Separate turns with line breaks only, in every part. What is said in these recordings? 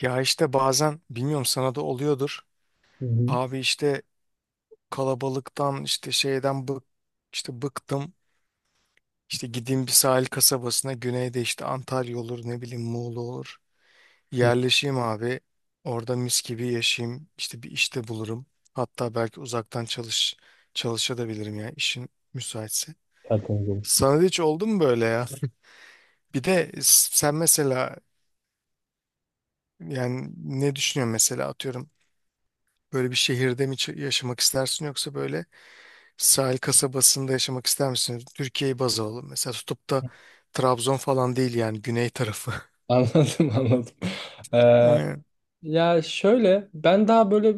Ya bazen bilmiyorum sana da oluyordur.
Hı hı.
Abi kalabalıktan işte şeyden bık işte bıktım. İşte gideyim bir sahil kasabasına güneyde, işte Antalya olur, ne bileyim Muğla olur.
Hı.
Yerleşeyim abi. Orada mis gibi yaşayayım. İşte bir işte bulurum. Hatta belki uzaktan çalış çalışabilirim ya, işin müsaitse.
Tertemiz olur.
Sana da hiç oldu mu böyle ya? Bir de sen mesela, yani ne düşünüyorsun mesela, atıyorum böyle bir şehirde mi yaşamak istersin yoksa böyle sahil kasabasında yaşamak ister misiniz? Türkiye'yi baz alalım. Mesela tutup da Trabzon falan değil yani, güney tarafı.
Anladım, anladım. Ee,
Aynen.
Ya şöyle, ben daha böyle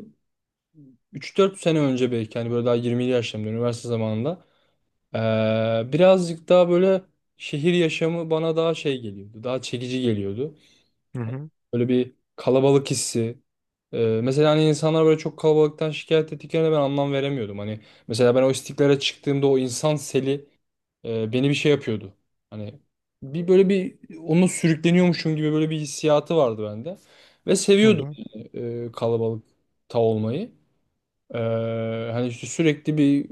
üç dört sene önce belki, hani böyle daha 20'li yaşlarımda, üniversite zamanında, birazcık daha böyle şehir yaşamı bana daha şey geliyordu. Daha çekici geliyordu.
Hı hı.
Böyle bir kalabalık hissi. Mesela hani insanlar böyle çok kalabalıktan şikayet ettiklerine ben anlam veremiyordum. Hani mesela ben o istiklale çıktığımda o insan seli beni bir şey yapıyordu. Hani bir böyle bir onunla sürükleniyormuşum gibi böyle bir hissiyatı vardı bende. Ve
Hı
seviyordum,
hı.
yani kalabalıkta olmayı. E, Hani işte sürekli bir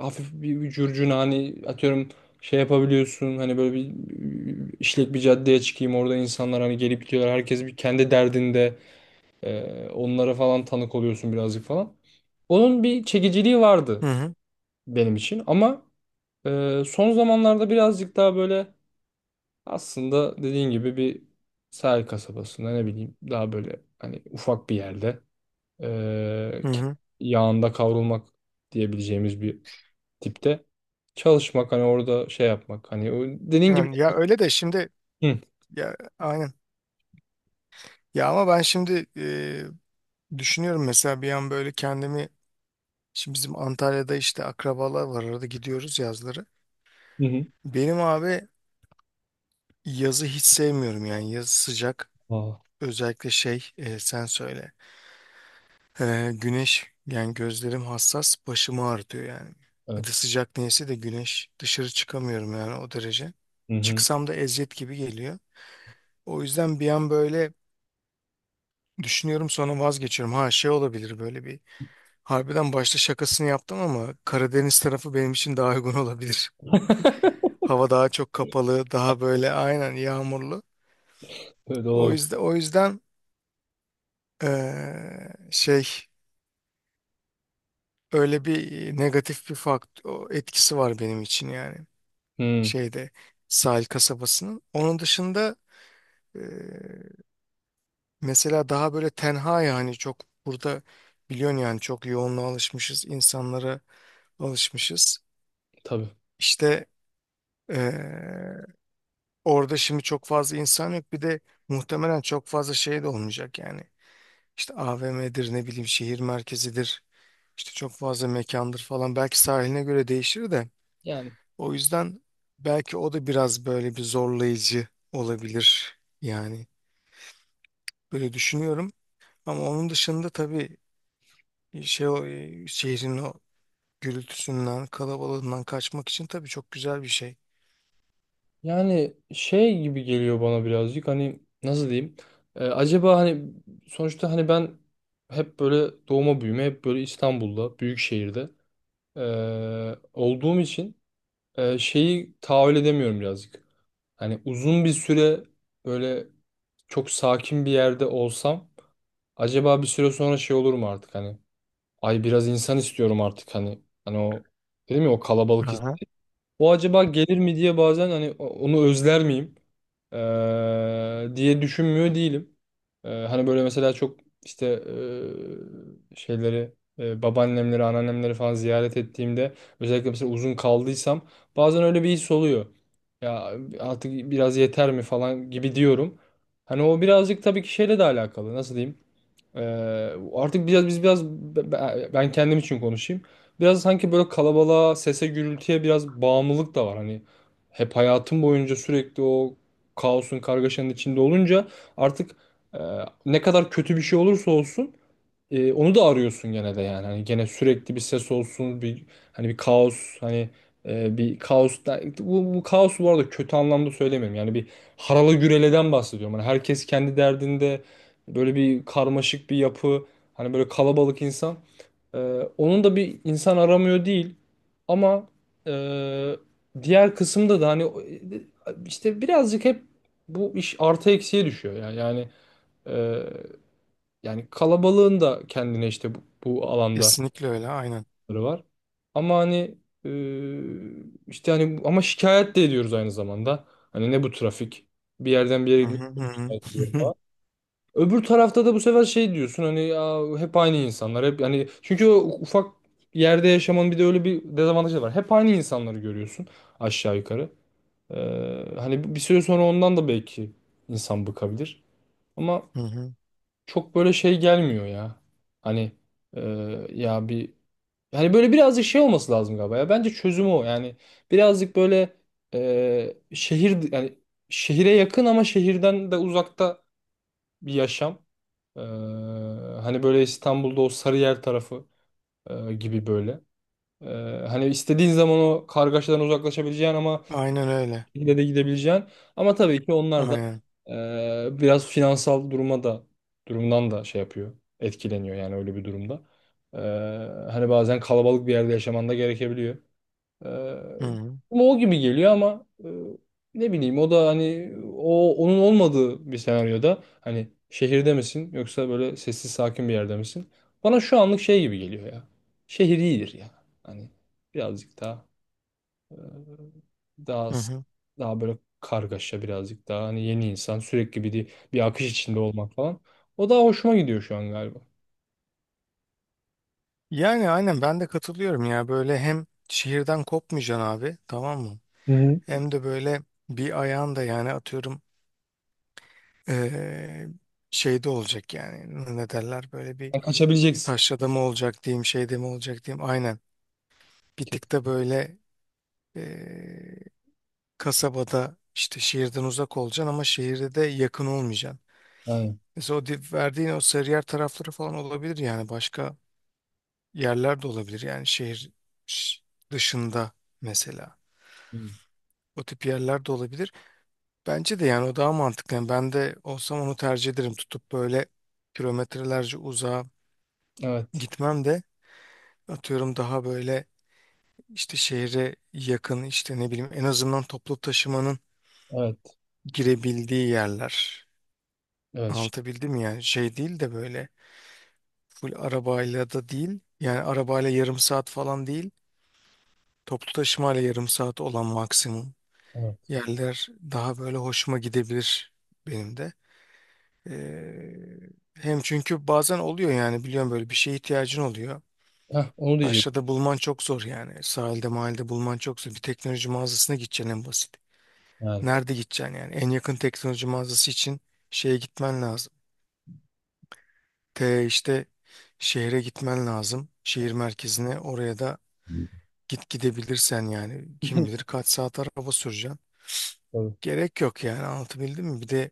hafif bir curcuna, hani atıyorum şey yapabiliyorsun, hani böyle bir işlek bir caddeye çıkayım, orada insanlar hani gelip gidiyorlar, herkes bir kendi derdinde, onlara falan tanık oluyorsun birazcık falan. Onun bir çekiciliği
Hı
vardı
hı.
benim için ama son zamanlarda birazcık daha böyle aslında dediğin gibi bir sahil kasabasında ne bileyim daha böyle hani ufak bir yerde eee,
Hı
ke-
hı.
yağında kavrulmak diyebileceğimiz bir tipte çalışmak, hani orada şey yapmak, hani o dediğin gibi.
Yani ya öyle de şimdi,
Hı
ya aynen. Ya ama ben şimdi, düşünüyorum mesela bir an böyle kendimi, şimdi bizim Antalya'da işte akrabalar var, arada gidiyoruz yazları.
hı hı.
Benim abi yazı hiç sevmiyorum yani, yazı sıcak,
Aa,
özellikle şey, sen söyle. Güneş yani, gözlerim hassas, başımı ağrıtıyor yani.
evet.
Hadi sıcak neyse de güneş, dışarı çıkamıyorum yani, o derece.
Hı hı.
Çıksam da eziyet gibi geliyor. O yüzden bir an böyle düşünüyorum, sonra vazgeçiyorum. Ha, şey olabilir böyle bir. Harbiden başta şakasını yaptım ama Karadeniz tarafı benim için daha uygun olabilir. Hava daha çok kapalı, daha böyle aynen yağmurlu.
Öyle
O
olabilir.
yüzden o yüzden şey, öyle bir negatif bir fakt o etkisi var benim için yani,
Hı,
şeyde, sahil kasabasının. Onun dışında, e, mesela daha böyle tenha yani, çok burada biliyorsun yani, çok yoğunluğa alışmışız, insanlara alışmışız.
tabii.
İşte e, orada şimdi çok fazla insan yok. Bir de muhtemelen çok fazla şey de olmayacak yani. İşte AVM'dir, ne bileyim şehir merkezidir, işte çok fazla mekandır falan. Belki sahiline göre değişir de.
Yani
O yüzden belki o da biraz böyle bir zorlayıcı olabilir yani. Böyle düşünüyorum. Ama onun dışında tabii, şey, o, şehrin o gürültüsünden, kalabalığından kaçmak için tabii çok güzel bir şey.
yani şey gibi geliyor bana birazcık, hani nasıl diyeyim? Acaba hani sonuçta hani ben hep böyle doğma büyüme, hep böyle İstanbul'da, büyük şehirde olduğum için şeyi tahammül edemiyorum birazcık. Hani uzun bir süre böyle çok sakin bir yerde olsam acaba bir süre sonra şey olur mu artık, hani ay biraz insan istiyorum artık, hani hani o dedim ya, o kalabalık his.
Aha.
O acaba gelir mi diye bazen hani onu özler miyim? Diye düşünmüyor değilim. Hani böyle mesela çok işte şeyleri babaannemleri, anneannemleri falan ziyaret ettiğimde, özellikle mesela uzun kaldıysam bazen öyle bir his oluyor. Ya artık biraz yeter mi falan gibi diyorum. Hani o birazcık tabii ki şeyle de alakalı. Nasıl diyeyim? Ee, Artık biraz biz biraz be- be- ben kendim için konuşayım. Biraz sanki böyle kalabalığa, sese, gürültüye biraz bağımlılık da var. Hani hep hayatım boyunca sürekli o kaosun, kargaşanın içinde olunca artık, e, ne kadar kötü bir şey olursa olsun onu da arıyorsun gene de yani. Hani gene sürekli bir ses olsun, bir hani bir kaos, hani bir kaos, bu kaos bu arada kötü anlamda söylemiyorum. Yani bir harala güreleden bahsediyorum. Hani herkes kendi derdinde böyle bir karmaşık bir yapı, hani böyle kalabalık insan. E, Onun da bir insan aramıyor değil. Ama e, diğer kısımda da, hani işte birazcık hep, bu iş artı eksiye düşüyor ya. Yani kalabalığın da kendine işte bu alanda
Kesinlikle öyle, aynen.
var. Ama hani e, işte hani ama şikayet de ediyoruz aynı zamanda. Hani ne bu trafik? Bir yerden bir yere
Hı hı
gitmek
hı hı.
şikayet ediyor falan. Öbür tarafta da bu sefer şey diyorsun hani ya, hep aynı insanlar hep, hani çünkü o ufak yerde yaşamanın bir de öyle bir dezavantajı var. Hep aynı insanları görüyorsun aşağı yukarı. Hani bir süre sonra ondan da belki insan bıkabilir. Ama
Hı hı.
çok böyle şey gelmiyor ya. Hani e, ya bir, hani böyle birazcık şey olması lazım galiba ya. Bence çözümü o. Yani birazcık böyle şehir, yani şehire yakın ama şehirden de uzakta bir yaşam. E, Hani böyle İstanbul'da o Sarıyer tarafı gibi böyle. E, Hani istediğin zaman o kargaşadan uzaklaşabileceğin ama
Aynen öyle.
şekilde de gidebileceğin. Ama tabii ki onlar da
Aynen.
biraz finansal duruma da durumdan da şey yapıyor. Etkileniyor yani öyle bir durumda. E, Hani bazen kalabalık bir yerde yaşaman da gerekebiliyor. E,
Hı hı.
Ama o gibi geliyor ama ne bileyim, o da hani o onun olmadığı bir senaryoda, hani şehirde misin yoksa böyle sessiz sakin bir yerde misin? Bana şu anlık şey gibi geliyor ya. Şehir iyidir ya. Hani birazcık daha Daha
Hı hı.
böyle kargaşa birazcık daha, hani yeni insan sürekli bir akış içinde olmak falan. O daha hoşuma gidiyor şu an galiba.
Yani aynen ben de katılıyorum ya. Böyle hem şehirden kopmayacaksın abi, tamam mı?
Hı hı.
Hem de böyle bir ayağın da, yani atıyorum, eee, şeyde olacak yani. Ne derler böyle bir,
Yani kaçabileceksin.
taşrada mı olacak diyeyim, şeyde mi olacak diyeyim. Aynen. Bir
Ke-
tık da böyle, Eee, kasabada, işte şehirden uzak olacaksın ama şehirde de yakın olmayacaksın.
Yani.
Mesela o verdiğin o Sarıyer tarafları falan olabilir, yani başka yerler de olabilir, yani şehir ş- dışında mesela.
Hı.
O tip yerler de olabilir. Bence de yani o daha mantıklı. Yani ben de olsam onu tercih ederim. Tutup böyle kilometrelerce uzağa
Evet.
gitmem de, atıyorum daha böyle işte şehre yakın, işte ne bileyim, en azından toplu taşımanın
Evet.
girebildiği yerler.
Evet.
Anlatabildim ya. Şey değil de böyle full arabayla da değil. Yani arabayla yarım saat falan değil. Toplu taşımayla yarım saat olan maksimum
Evet.
yerler daha böyle hoşuma gidebilir benim de. Hem çünkü bazen oluyor yani, biliyorum, böyle bir şeye ihtiyacın oluyor.
Heh, onu diyecek.
Taşrada bulman çok zor yani. Sahilde, mahallede bulman çok zor. Bir teknoloji mağazasına gideceksin, en basit.
Yani.
Nerede gideceksin yani? En yakın teknoloji mağazası için şeye gitmen lazım. T işte Şehre gitmen lazım. Şehir merkezine, oraya da
Hı.
gidebilirsen yani, kim bilir kaç saat araba süreceksin.
Tabii.
Gerek yok yani, anlatabildim mi? Bir de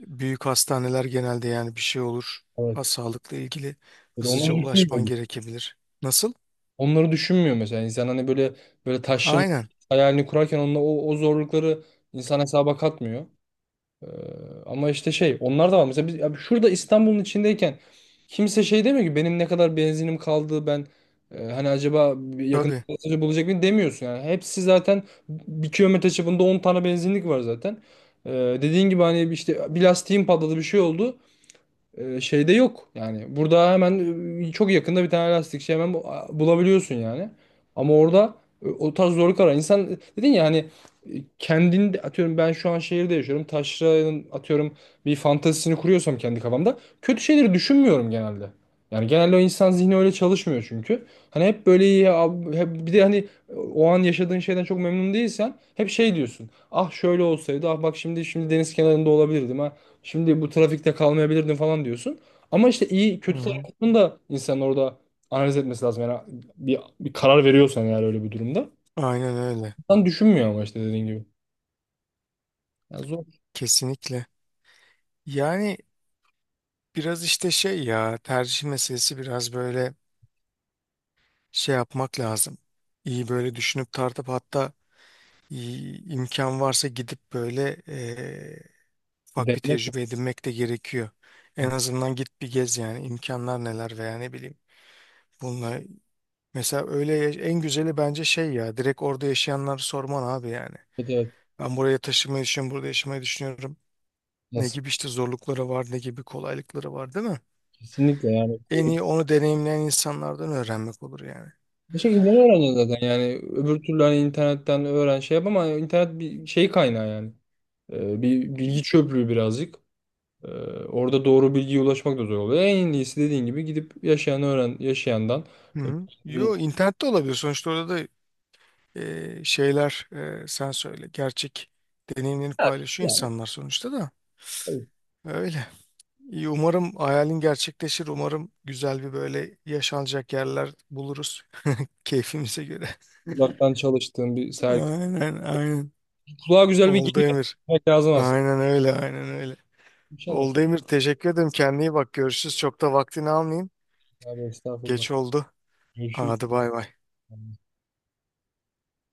büyük hastaneler genelde, yani bir şey olur. Ha,
Evet.
sağlıkla ilgili
Bir de
hızlıca
onları
ulaşman
düşünmüyor.
gerekebilir. Nasıl?
Onları düşünmüyor mesela. İnsan hani böyle, böyle taşların
Aynen.
hayalini kurarken onunla o zorlukları insan hesaba katmıyor. Ee, Ama işte şey onlar da var. Mesela biz, abi şurada İstanbul'un içindeyken kimse şey demiyor ki benim ne kadar benzinim kaldı ben, hani acaba bir yakın
Tabii.
gazeteci bulacak mıyım demiyorsun yani. Hepsi zaten bir kilometre çapında 10 tane benzinlik var zaten. Ee, Dediğin gibi hani işte bir lastiğim patladı, bir şey oldu, şeyde yok. Yani burada hemen çok yakında bir tane lastikçi hemen bulabiliyorsun yani. Ama orada o tarz zorluk arar. İnsan dedin ya hani e, kendinde atıyorum ben şu an şehirde yaşıyorum. Taşra'nın atıyorum bir fantezisini kuruyorsam kendi kafamda, kötü şeyleri düşünmüyorum genelde. Yani genelde o insan zihni öyle çalışmıyor çünkü. Hani hep böyle iyi abi, hep, bir de hani o an yaşadığın şeyden çok memnun değilsen hep şey diyorsun. Ah şöyle olsaydı. Ah bak şimdi, şimdi deniz kenarında olabilirdim. Şimdi bu trafikte kalmayabilirdin falan diyorsun. Ama işte iyi
Hı
kötü
hı.
tarafını da insanın orada analiz etmesi lazım. Yani bir karar veriyorsan eğer öyle bir durumda.
Aynen öyle.
İnsan düşünmüyor ama işte dediğin gibi. Yani zor.
Kesinlikle. Yani biraz işte şey ya, tercih meselesi, biraz böyle şey yapmak lazım. İyi böyle düşünüp tartıp, hatta imkan varsa gidip böyle,
Bir
ufak bir
denemek.
tecrübe edinmek de gerekiyor. En azından git bir gez yani, imkanlar neler veya, ne bileyim. Bununla mesela öyle en güzeli bence şey ya, direkt orada yaşayanları sorman abi yani.
Evet, evet.
Ben buraya taşımayı düşünüyorum, burada yaşamayı düşünüyorum. Ne
Nasıl?
gibi işte zorlukları var, ne gibi kolaylıkları var, değil mi?
Kesinlikle yani.
En
Böyle
iyi onu deneyimleyen insanlardan öğrenmek olur yani.
bir şekilde öğreneceksin zaten. Yani öbür türlü hani internetten öğren şey yap ama internet bir şey kaynağı yani. Bir bilgi çöplüğü birazcık. Ee, Orada doğru bilgiye ulaşmak da zor oluyor. En iyisi dediğin gibi gidip yaşayan öğren yaşayandan.
Hı hı. Yo, internette olabilir sonuçta, orada da şeyler, sen söyle. Gerçek deneyimlerini paylaşıyor insanlar sonuçta da.
Tabii.
Öyle. İyi, umarım hayalin gerçekleşir. Umarım güzel bir böyle yaşanacak yerler buluruz keyfimize göre.
Uzaktan çalıştığım bir sergi.
Aynen, aynen.
Kulağa güzel bir
Oldu
geliyor.
Emir.
Evet, lazım aslında.
Aynen öyle, aynen öyle.
İnşallah.
Oldu Emir. Teşekkür ederim. Kendine iyi bak. Görüşürüz. Çok da vaktini almayayım.
Abi, estağfurullah.
Geç oldu.
Görüşürüz.
Hadi bay bay.